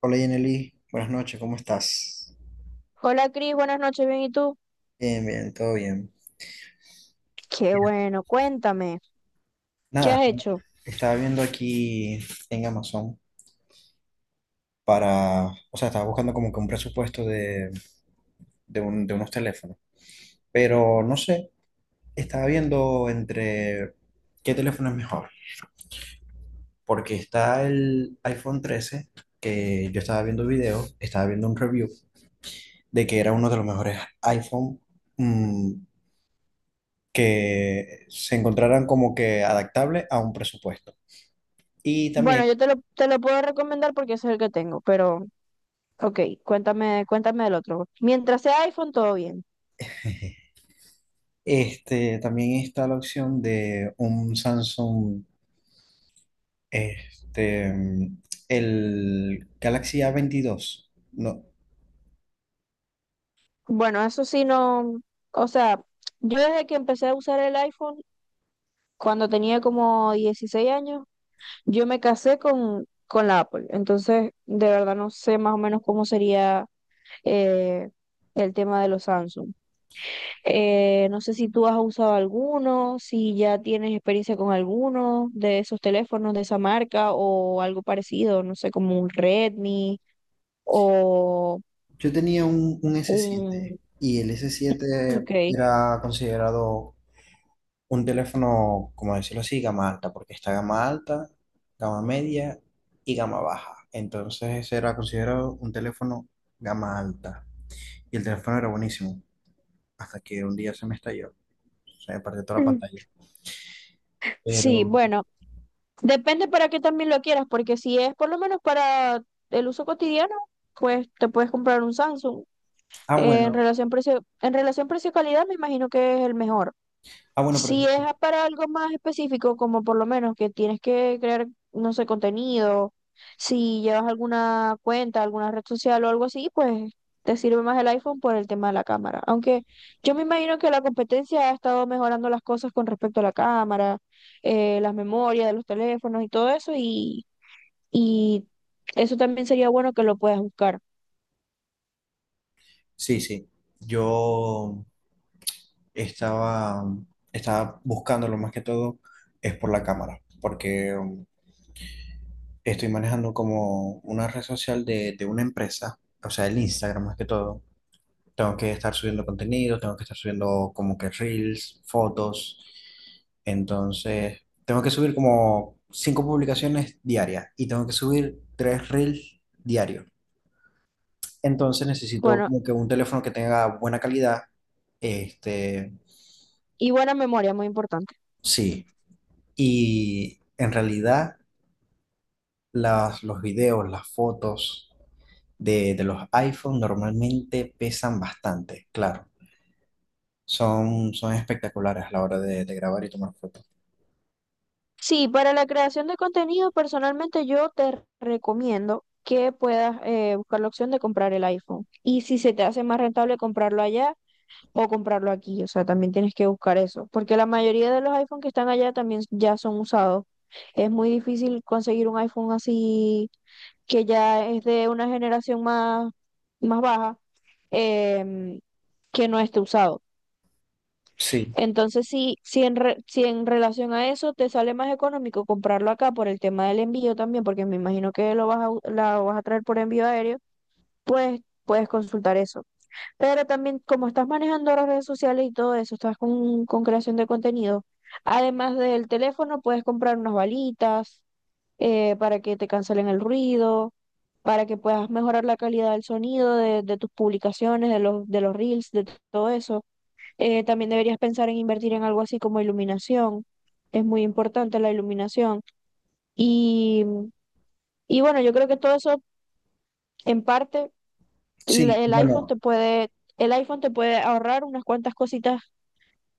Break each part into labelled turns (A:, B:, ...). A: Hola Yeneli, buenas noches, ¿cómo estás?
B: Hola Cris, buenas noches, bien, ¿y tú?
A: Bien, bien, todo bien.
B: Qué
A: Bien.
B: bueno, cuéntame, ¿qué
A: Nada,
B: has hecho?
A: estaba viendo aquí en Amazon para, o sea, estaba buscando como que un presupuesto de de unos teléfonos, pero no sé, estaba viendo entre qué teléfono es mejor, porque está el iPhone 13 que yo estaba viendo videos, estaba viendo un review de que era uno de los mejores iPhone mm, que se encontraran como que adaptable a un presupuesto. Y
B: Bueno,
A: también,
B: yo te lo puedo recomendar porque ese es el que tengo, pero ok, cuéntame del otro. Mientras sea iPhone, todo bien.
A: también está la opción de un Samsung, este, el Galaxy A22. No,
B: Bueno, eso sí no, o sea, yo desde que empecé a usar el iPhone, cuando tenía como 16 años, yo me casé con la Apple, entonces de verdad no sé más o menos cómo sería eh, el tema de los Samsung. No sé si tú has usado alguno, si ya tienes experiencia con alguno de esos teléfonos de esa marca o algo parecido, no sé, como un Redmi o
A: yo tenía un S7
B: un.
A: y el S7
B: Ok.
A: era considerado un teléfono, como decirlo así, gama alta, porque está gama alta, gama media y gama baja. Entonces era considerado un teléfono gama alta. Y el teléfono era buenísimo, hasta que un día se me estalló, se me partió toda la
B: Mm.
A: pantalla.
B: Sí,
A: Pero,
B: bueno, depende para qué también lo quieras, porque si es por lo menos para el uso cotidiano, pues te puedes comprar un Samsung.
A: ah,
B: En
A: bueno,
B: relación precio, en relación precio-calidad, me imagino que es el mejor.
A: ah, bueno, pero
B: Si
A: eso
B: es
A: sí.
B: para algo más específico, como por lo menos que tienes que crear, no sé, contenido, si llevas alguna cuenta, alguna red social o algo así, pues te sirve más el iPhone por el tema de la cámara. Aunque yo me imagino que la competencia ha estado mejorando las cosas con respecto a la cámara, las memorias de los teléfonos y todo eso, y eso también sería bueno que lo puedas buscar.
A: Sí, sí. Yo estaba, estaba buscándolo más que todo, es por la cámara, porque estoy manejando como una red social de una empresa, o sea, el Instagram más que todo. Tengo que estar subiendo contenido, tengo que estar subiendo como que reels, fotos. Entonces, tengo que subir como cinco publicaciones diarias y tengo que subir tres reels diarios. Entonces necesito
B: Bueno,
A: como que un teléfono que tenga buena calidad. Este,
B: y buena memoria, muy importante.
A: sí. Y en realidad las, los videos, las fotos de los iPhone normalmente pesan bastante, claro. Son espectaculares a la hora de grabar y tomar fotos.
B: Sí, para la creación de contenido, personalmente yo te recomiendo que puedas buscar la opción de comprar el iPhone. Y si se te hace más rentable comprarlo allá o comprarlo aquí, o sea, también tienes que buscar eso, porque la mayoría de los iPhones que están allá también ya son usados. Es muy difícil conseguir un iPhone así que ya es de una generación más, más baja, em, que no esté usado.
A: Sí,
B: Entonces, si en relación a eso te sale más económico comprarlo acá por el tema del envío también, porque me imagino que lo vas a, la vas a traer por envío aéreo, pues puedes consultar eso. Pero también, como estás manejando las redes sociales y todo eso, estás con creación de contenido, además del teléfono, puedes comprar unas balitas para que te cancelen el ruido, para que puedas mejorar la calidad del sonido de tus publicaciones, de los reels, de todo eso. También deberías pensar en invertir en algo así como iluminación. Es muy importante la iluminación. Y, y bueno, yo creo que todo eso, en parte,
A: sí,
B: el iPhone
A: bueno,
B: te puede, el iPhone te puede ahorrar unas cuantas cositas,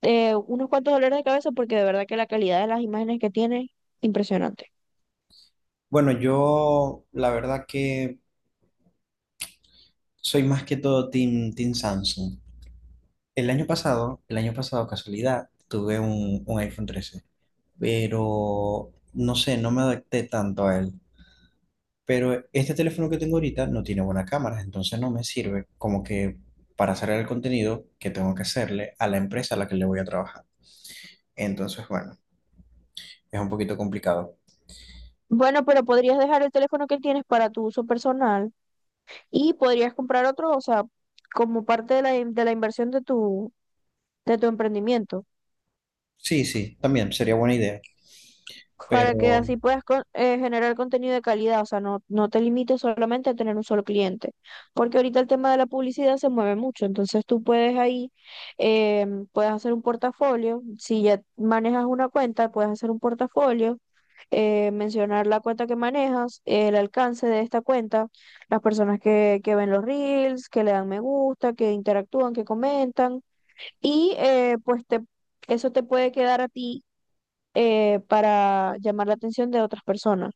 B: unos cuantos dolores de cabeza, porque de verdad que la calidad de las imágenes que tiene, impresionante.
A: bueno, yo la verdad que soy más que todo Team, team Samsung. El año pasado, casualidad, tuve un iPhone 13. Pero no sé, no me adapté tanto a él. Pero este teléfono que tengo ahorita no tiene buena cámara, entonces no me sirve como que para hacer el contenido que tengo que hacerle a la empresa a la que le voy a trabajar. Entonces, bueno, es un poquito complicado.
B: Bueno, pero podrías dejar el teléfono que tienes para tu uso personal y podrías comprar otro, o sea, como parte de la, de la inversión de tu emprendimiento.
A: Sí, sí, también sería buena idea.
B: Para que
A: Pero
B: así puedas generar contenido de calidad, o sea, no te limites solamente a tener un solo cliente, porque ahorita el tema de la publicidad se mueve mucho, entonces tú puedes ahí, eh, puedes hacer un portafolio, si ya manejas una cuenta, puedes hacer un portafolio, mencionar la cuenta que manejas, el alcance de esta cuenta, las personas que ven los reels, que le dan me gusta, que interactúan, que comentan y pues te, eso te puede quedar a ti para llamar la atención de otras personas,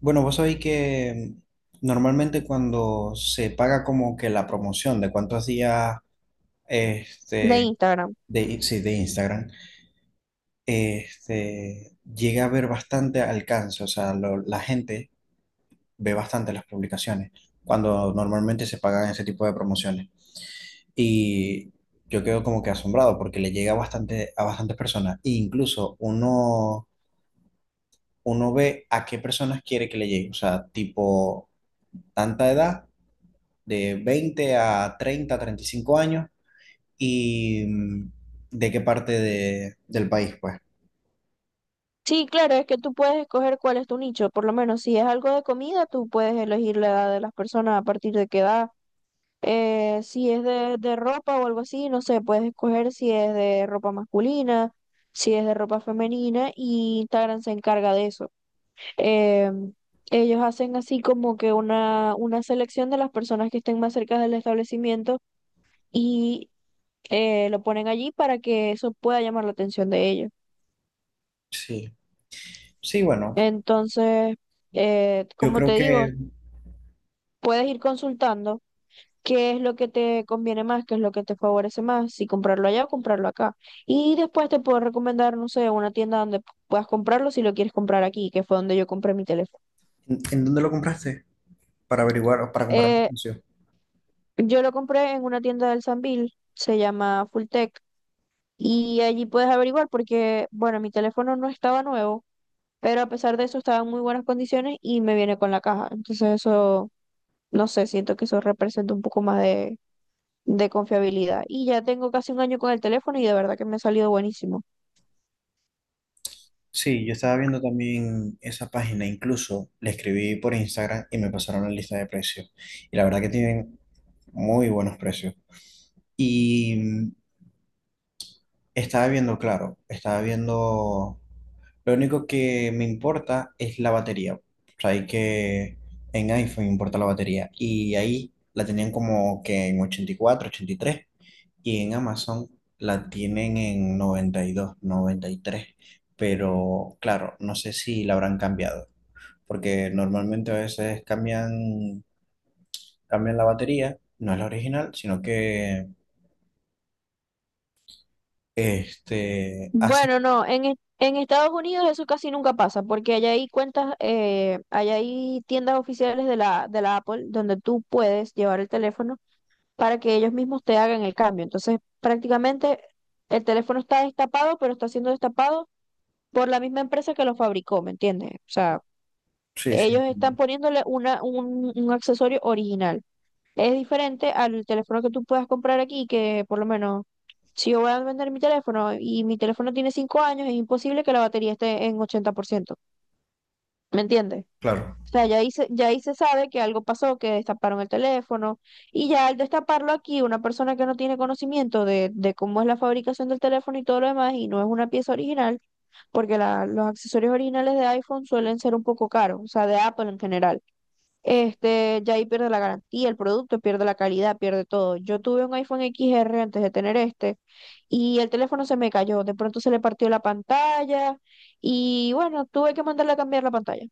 A: bueno, vos sabéis que normalmente cuando se paga como que la promoción de cuántos días
B: de
A: este,
B: Instagram.
A: de, sí, de Instagram, este, llega a ver bastante alcance, o sea, la gente ve bastante las publicaciones cuando normalmente se pagan ese tipo de promociones. Y yo quedo como que asombrado porque le llega bastante a bastantes personas. E incluso uno ve a qué personas quiere que le llegue, o sea, tipo tanta edad, de 20 a 30, 35 años y de qué parte del país, pues.
B: Sí, claro, es que tú puedes escoger cuál es tu nicho, por lo menos si es algo de comida, tú puedes elegir la edad de las personas a partir de qué edad. Si es de ropa o algo así, no sé, puedes escoger si es de ropa masculina, si es de ropa femenina y Instagram se encarga de eso. Eh, Ellos hacen así como que una selección de las personas que estén más cerca del establecimiento y lo ponen allí para que eso pueda llamar la atención de ellos.
A: Sí, sí, bueno,
B: Entonces,
A: yo
B: como
A: creo
B: te digo,
A: que...
B: puedes ir consultando qué es lo que te conviene más, qué es lo que te favorece más, si comprarlo allá o comprarlo acá. Y después te puedo recomendar, no sé, una tienda donde puedas comprarlo si lo quieres comprar aquí, que fue donde yo compré mi teléfono.
A: ¿En dónde lo compraste? Para averiguar o para comparar el
B: Eh,
A: precio.
B: yo lo compré en una tienda del Sambil, se llama Fulltech. Y allí puedes averiguar porque, bueno, mi teléfono no estaba nuevo, pero a pesar de eso estaba en muy buenas condiciones y me viene con la caja. Entonces eso, no sé, siento que eso representa un poco más de confiabilidad. Y ya tengo casi un año con el teléfono y de verdad que me ha salido buenísimo.
A: Sí, yo estaba viendo también esa página, incluso le escribí por Instagram y me pasaron la lista de precios. Y la verdad que tienen muy buenos precios. Y estaba viendo, claro, estaba viendo, lo único que me importa es la batería. O sea, hay que en iPhone importa la batería. Y ahí la tenían como que en 84, 83. Y en Amazon la tienen en 90 92 93, pero claro, no sé si la habrán cambiado, porque normalmente a veces cambian la batería, no es la original, sino que así,
B: Bueno, no, en Estados Unidos eso casi nunca pasa porque allá hay cuentas, allá hay tiendas oficiales de la Apple donde tú puedes llevar el teléfono para que ellos mismos te hagan el cambio. Entonces, prácticamente el teléfono está destapado, pero está siendo destapado por la misma empresa que lo fabricó, ¿me entiendes? O sea,
A: sí, sí,
B: ellos están poniéndole un accesorio original. Es diferente al teléfono que tú puedas comprar aquí, que por lo menos si yo voy a vender mi teléfono y mi teléfono tiene 5 años, es imposible que la batería esté en 80%, ¿me entiendes?
A: claro.
B: O sea, ya ahí se sabe que algo pasó, que destaparon el teléfono, y ya al destaparlo aquí, una persona que no tiene conocimiento de cómo es la fabricación del teléfono y todo lo demás, y no es una pieza original, porque los accesorios originales de iPhone suelen ser un poco caros, o sea, de Apple en general. Este, ya ahí pierde la garantía, el producto pierde la calidad, pierde todo. Yo tuve un iPhone X R antes de tener este, y el teléfono se me cayó, de pronto se le partió la pantalla, y bueno, tuve que mandarle a cambiar la pantalla.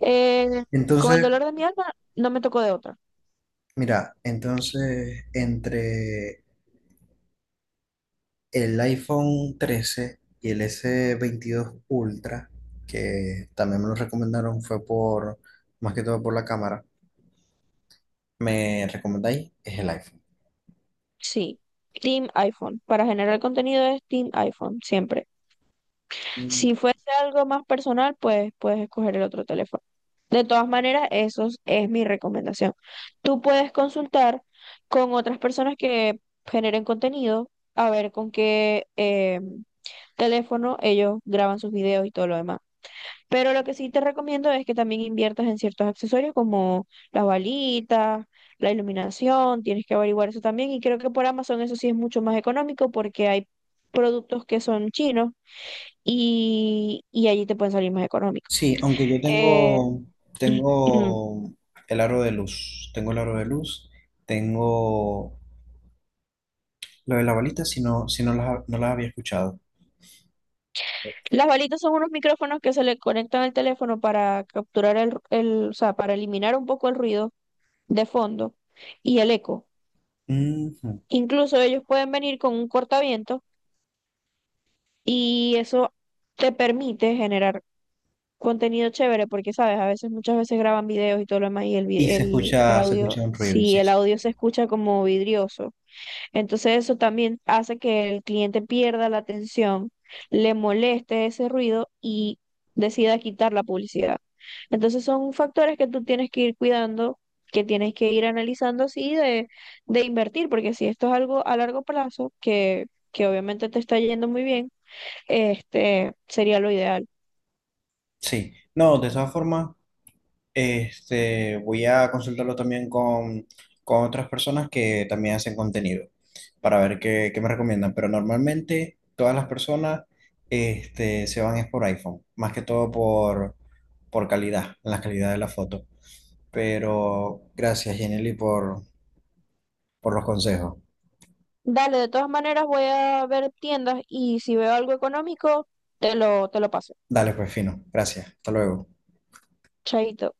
B: Eh, con el
A: Entonces,
B: dolor de mi alma, no me tocó de otra.
A: mira, entonces entre el iPhone 13 y el S22 Ultra, que también me lo recomendaron, fue por, más que todo por la cámara. Me recomendáis es el iPhone.
B: Sí. Team iPhone. Para generar contenido es Team iPhone, siempre.
A: Mm,
B: Si fuese algo más personal, pues puedes escoger el otro teléfono. De todas maneras, eso es mi recomendación. Tú puedes consultar con otras personas que generen contenido, a ver con qué teléfono ellos graban sus videos y todo lo demás. Pero lo que sí te recomiendo es que también inviertas en ciertos accesorios como las balitas, la iluminación, tienes que averiguar eso también. Y creo que por Amazon eso sí es mucho más económico porque hay productos que son chinos y allí te pueden salir más económicos.
A: sí, aunque yo
B: Eh,
A: tengo, tengo el aro de luz, tengo el aro de luz, tengo lo de la balita, si no, no las había escuchado.
B: las balitas son unos micrófonos que se le conectan al teléfono para capturar el, o sea, para eliminar un poco el ruido de fondo y el eco.
A: Ujú.
B: Incluso ellos pueden venir con un cortaviento. Y eso te permite generar contenido chévere porque, sabes, a veces, muchas veces graban videos y todo lo demás y el,
A: Y se
B: el
A: escucha, se
B: audio,
A: escucha un ruido,
B: si
A: sí,
B: el
A: sí.
B: audio se escucha como vidrioso. Entonces eso también hace que el cliente pierda la atención, le moleste ese ruido y decida quitar la publicidad. Entonces son factores que tú tienes que ir cuidando, que tienes que ir analizando así de invertir, porque si esto es algo a largo plazo, que obviamente te está yendo muy bien, este, sería lo ideal.
A: Sí. No, de todas formas, voy a consultarlo también con otras personas que también hacen contenido para ver qué me recomiendan. Pero normalmente todas las personas se van es por iPhone, más que todo por calidad, la calidad de la foto. Pero gracias, Jenny, por los consejos.
B: Dale, de todas maneras voy a ver tiendas y si veo algo económico, te lo paso.
A: Dale, pues fino. Gracias. Hasta luego.
B: Chaito.